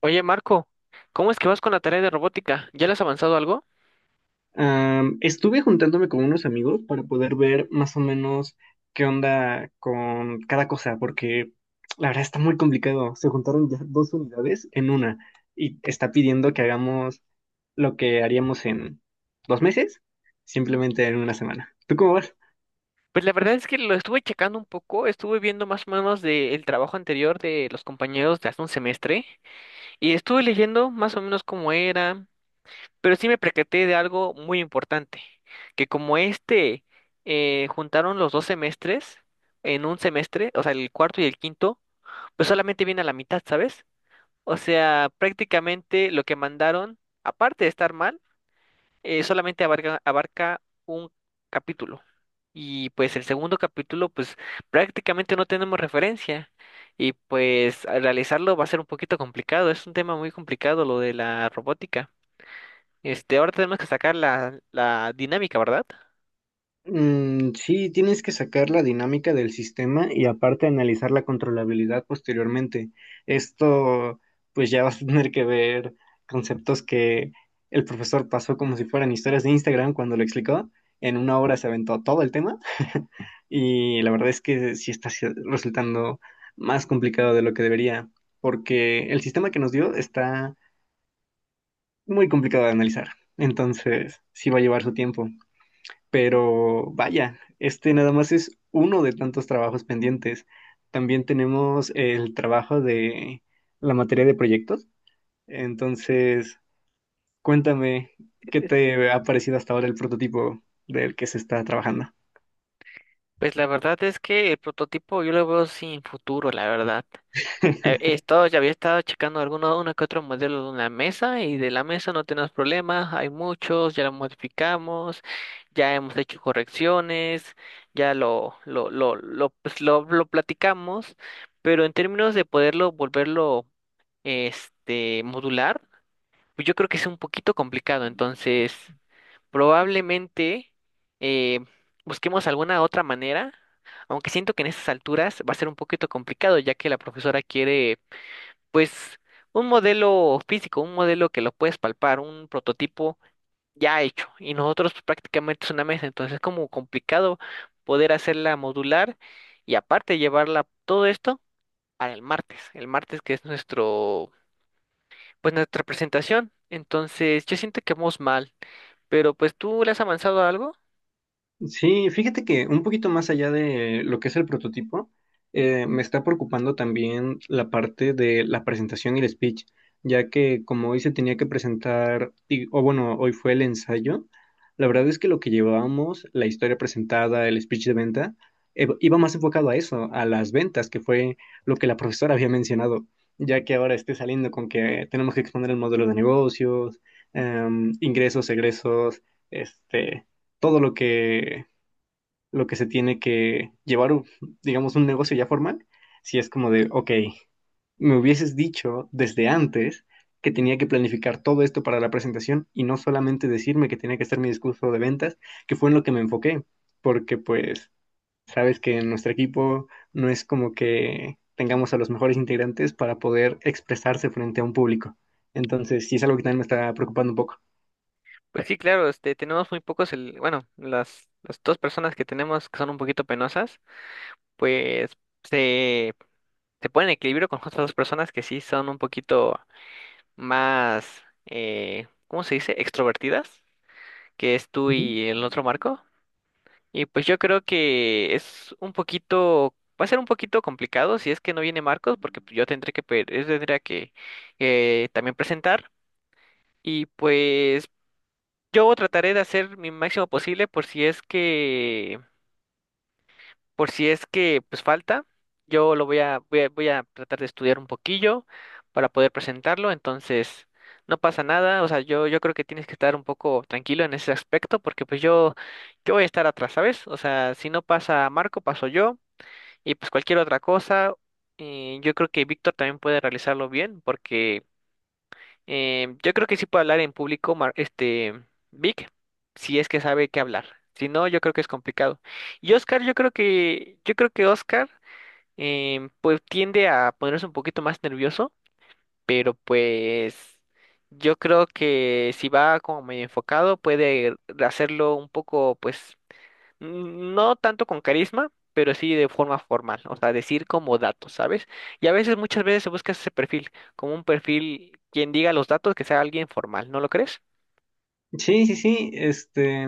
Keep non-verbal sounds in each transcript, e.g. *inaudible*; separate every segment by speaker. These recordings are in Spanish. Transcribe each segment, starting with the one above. Speaker 1: Oye, Marco, ¿cómo es que vas con la tarea de robótica? ¿Ya le has avanzado algo?
Speaker 2: Estuve juntándome con unos amigos para poder ver más o menos qué onda con cada cosa, porque la verdad está muy complicado. Se juntaron ya dos unidades en una y está pidiendo que hagamos lo que haríamos en 2 meses, simplemente en una semana. ¿Tú cómo vas?
Speaker 1: Pues la verdad es que lo estuve checando un poco, estuve viendo más o menos del trabajo anterior de los compañeros de hace un semestre y estuve leyendo más o menos cómo era, pero sí me percaté de algo muy importante, que como este juntaron los dos semestres en un semestre, o sea, el cuarto y el quinto, pues solamente viene a la mitad, ¿sabes? O sea, prácticamente lo que mandaron, aparte de estar mal, solamente abarca un capítulo. Y pues el segundo capítulo, pues prácticamente no tenemos referencia. Y pues al realizarlo va a ser un poquito complicado. Es un tema muy complicado lo de la robótica. Este, ahora tenemos que sacar la dinámica, ¿verdad?
Speaker 2: Mm, sí, tienes que sacar la dinámica del sistema y aparte analizar la controlabilidad posteriormente. Esto, pues ya vas a tener que ver conceptos que el profesor pasó como si fueran historias de Instagram cuando lo explicó. En una hora se aventó todo el tema *laughs* y la verdad es que sí está resultando más complicado de lo que debería, porque el sistema que nos dio está muy complicado de analizar. Entonces, sí va a llevar su tiempo. Pero vaya, este nada más es uno de tantos trabajos pendientes. También tenemos el trabajo de la materia de proyectos. Entonces, cuéntame, ¿qué te ha parecido hasta ahora el prototipo del que se está trabajando?
Speaker 1: Pues la verdad es que el prototipo yo lo veo sin futuro, la verdad.
Speaker 2: *laughs*
Speaker 1: Ya había estado checando algunos, uno que otro modelo de una mesa y de la mesa no tenemos problemas, hay muchos, ya lo modificamos, ya hemos hecho correcciones, ya lo platicamos, pero en términos de poderlo, volverlo, este, modular, pues yo creo que es un poquito complicado, entonces probablemente eh, busquemos alguna otra manera, aunque siento que en estas alturas va a ser un poquito complicado, ya que la profesora quiere pues un modelo físico, un modelo que lo puedes palpar, un prototipo ya hecho. Y nosotros pues, prácticamente es una mesa, entonces es como complicado poder hacerla modular y aparte llevarla todo esto para el martes que es nuestro, pues nuestra presentación. Entonces yo siento que vamos mal, pero pues tú le has avanzado a algo.
Speaker 2: Sí, fíjate que un poquito más allá de lo que es el prototipo, me está preocupando también la parte de la presentación y el speech, ya que como hoy se tenía que presentar, y- o bueno, hoy fue el ensayo, la verdad es que lo que llevábamos, la historia presentada, el speech de venta, iba más enfocado a eso, a las ventas, que fue lo que la profesora había mencionado, ya que ahora esté saliendo con que tenemos que exponer el modelo de negocios, ingresos, egresos, este todo lo que se tiene que llevar, digamos, un negocio ya formal, si es como de, ok, me hubieses dicho desde antes que tenía que planificar todo esto para la presentación y no solamente decirme que tenía que hacer mi discurso de ventas, que fue en lo que me enfoqué, porque pues sabes que en nuestro equipo no es como que tengamos a los mejores integrantes para poder expresarse frente a un público. Entonces, sí es algo que también me está preocupando un poco.
Speaker 1: Pues sí, claro, este, tenemos muy pocos, bueno, las dos personas que tenemos que son un poquito penosas, pues se se pone en equilibrio con otras dos personas que sí son un poquito más, ¿cómo se dice? Extrovertidas, que es tú y el otro Marco. Y pues yo creo que es un poquito, va a ser un poquito complicado si es que no viene Marcos, porque yo tendré que, yo tendría que también presentar. Y pues yo trataré de hacer mi máximo posible por si es que pues falta. Yo lo voy a tratar de estudiar un poquillo para poder presentarlo, entonces no pasa nada, o sea, yo creo que tienes que estar un poco tranquilo en ese aspecto, porque pues yo voy a estar atrás, ¿sabes? O sea, si no pasa Marco, paso yo, y pues cualquier otra cosa, yo creo que Víctor también puede realizarlo bien, porque yo creo que sí puede hablar en público, este, Vic, si es que sabe qué hablar. Si no, yo creo que es complicado. Y Oscar, yo creo que Oscar, pues tiende a ponerse un poquito más nervioso, pero pues yo creo que si va como medio enfocado, puede hacerlo un poco, pues no tanto con carisma, pero sí de forma formal, o sea, decir como datos, ¿sabes? Y a veces, muchas veces se busca ese perfil, como un perfil quien diga los datos, que sea alguien formal, ¿no lo crees?
Speaker 2: Sí, sí, sí, este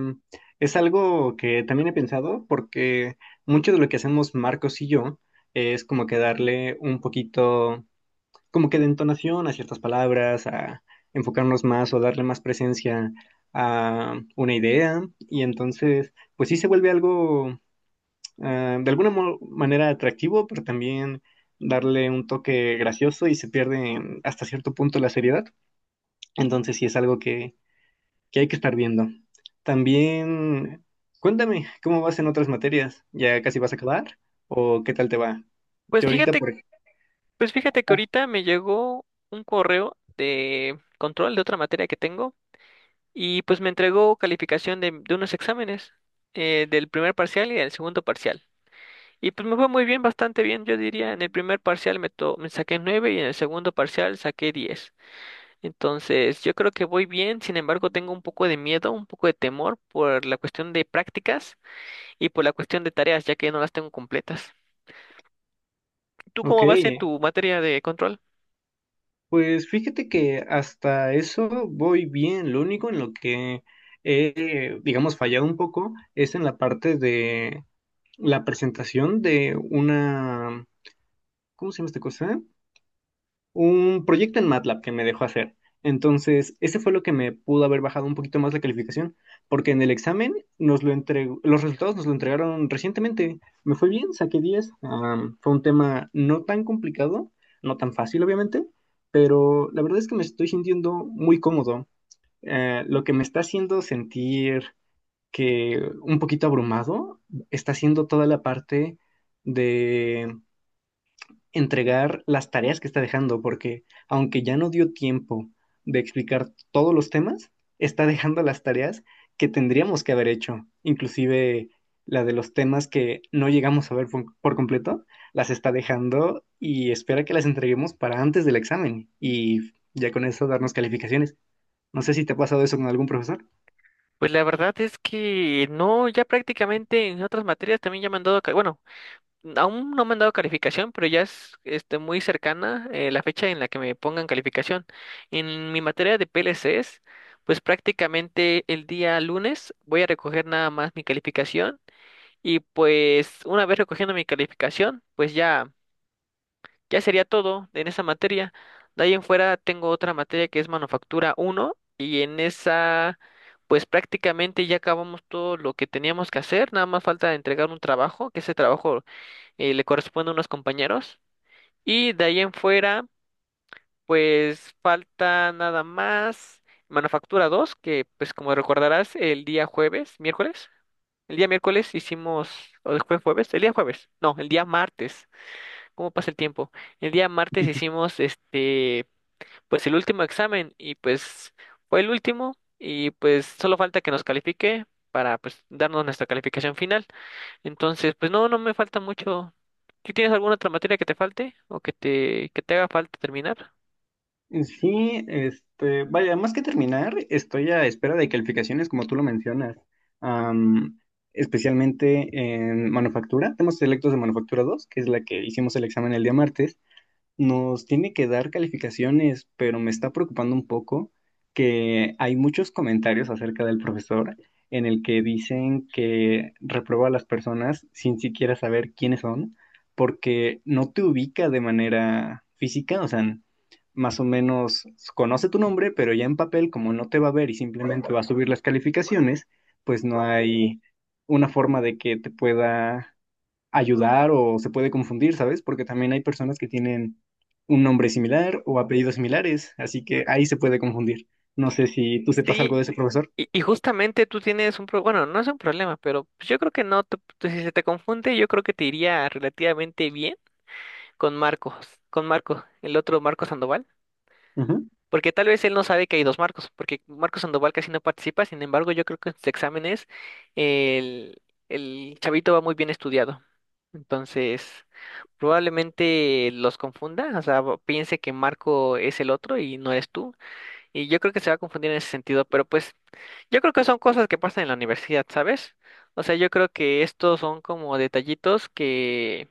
Speaker 2: es algo que también he pensado porque mucho de lo que hacemos Marcos y yo es como que darle un poquito, como que de entonación a ciertas palabras, a enfocarnos más o darle más presencia a una idea y entonces pues sí se vuelve algo de alguna manera atractivo, pero también darle un toque gracioso y se pierde hasta cierto punto la seriedad. Entonces sí es algo que hay que estar viendo. También, cuéntame, ¿cómo vas en otras materias? ¿Ya casi vas a acabar? ¿O qué tal te va?
Speaker 1: Pues
Speaker 2: Yo ahorita,
Speaker 1: fíjate,
Speaker 2: por ejemplo.
Speaker 1: pues fíjate que ahorita me llegó un correo de control de otra materia que tengo y pues me entregó calificación de unos exámenes, del primer parcial y del segundo parcial. Y pues me fue muy bien, bastante bien, yo diría, en el primer parcial me saqué 9 y en el segundo parcial saqué 10. Entonces, yo creo que voy bien, sin embargo, tengo un poco de miedo, un poco de temor por la cuestión de prácticas y por la cuestión de tareas, ya que no las tengo completas. ¿Tú
Speaker 2: Ok,
Speaker 1: cómo vas en tu materia de control?
Speaker 2: pues fíjate que hasta eso voy bien. Lo único en lo que he, digamos, fallado un poco es en la parte de la presentación de una, ¿cómo se llama esta cosa? Un proyecto en MATLAB que me dejó hacer. Entonces, ese fue lo que me pudo haber bajado un poquito más la calificación, porque en el examen nos lo entregó, los resultados nos lo entregaron recientemente. Me fue bien, saqué 10. Fue un tema no tan complicado, no tan fácil, obviamente, pero la verdad es que me estoy sintiendo muy cómodo. Lo que me está haciendo sentir que un poquito abrumado está siendo toda la parte de entregar las tareas que está dejando, porque aunque ya no dio tiempo de explicar todos los temas, está dejando las tareas que tendríamos que haber hecho, inclusive la de los temas que no llegamos a ver por completo, las está dejando y espera que las entreguemos para antes del examen y ya con eso darnos calificaciones. No sé si te ha pasado eso con algún profesor.
Speaker 1: Pues la verdad es que no, ya prácticamente en otras materias también ya me han dado, bueno, aún no me han dado calificación, pero ya es este, muy cercana la fecha en la que me pongan calificación. En mi materia de PLCs, pues prácticamente el día lunes voy a recoger nada más mi calificación. Y pues una vez recogiendo mi calificación, pues ya, sería todo en esa materia. De ahí en fuera tengo otra materia que es Manufactura uno y en esa pues prácticamente ya acabamos todo lo que teníamos que hacer, nada más falta entregar un trabajo, que ese trabajo le corresponde a unos compañeros. Y de ahí en fuera pues falta nada más Manufactura 2 que pues como recordarás el día jueves, miércoles. El día miércoles hicimos, o después jueves, el día jueves, no, el día martes, ¿cómo pasa el tiempo? El día martes hicimos este, pues el último examen y pues fue el último y pues solo falta que nos califique para pues darnos nuestra calificación final. Entonces, pues no, no me falta mucho. ¿Tú tienes alguna otra materia que te falte o que te haga falta terminar?
Speaker 2: Sí, este, vaya, más que terminar, estoy a espera de calificaciones, como tú lo mencionas, Am, especialmente en manufactura. Tenemos selectos de manufactura 2, que es la que hicimos el examen el día martes. Nos tiene que dar calificaciones, pero me está preocupando un poco que hay muchos comentarios acerca del profesor en el que dicen que reprueba a las personas sin siquiera saber quiénes son, porque no te ubica de manera física, o sea, más o menos conoce tu nombre, pero ya en papel, como no te va a ver y simplemente va a subir las calificaciones, pues no hay una forma de que te pueda ayudar o se puede confundir, ¿sabes? Porque también hay personas que tienen un nombre similar o apellidos similares, así que ahí se puede confundir. No sé si tú sepas
Speaker 1: Sí,
Speaker 2: algo de ese profesor.
Speaker 1: y justamente tú tienes un problema, bueno, no es un problema, pero pues, yo creo que no, si se te confunde, yo creo que te iría relativamente bien. Con Marcos, con Marco, el otro Marco Sandoval,
Speaker 2: Ujú.
Speaker 1: porque tal vez él no sabe que hay dos Marcos, porque Marco Sandoval casi no participa, sin embargo, yo creo que en sus exámenes el, el chavito va muy bien estudiado. Entonces, probablemente los confunda, o sea, piense que Marco es el otro y no eres tú, y yo creo que se va a confundir en ese sentido, pero pues yo creo que son cosas que pasan en la universidad, ¿sabes? O sea, yo creo que estos son como detallitos que,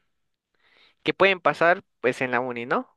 Speaker 1: que pueden pasar pues en la uni, ¿no?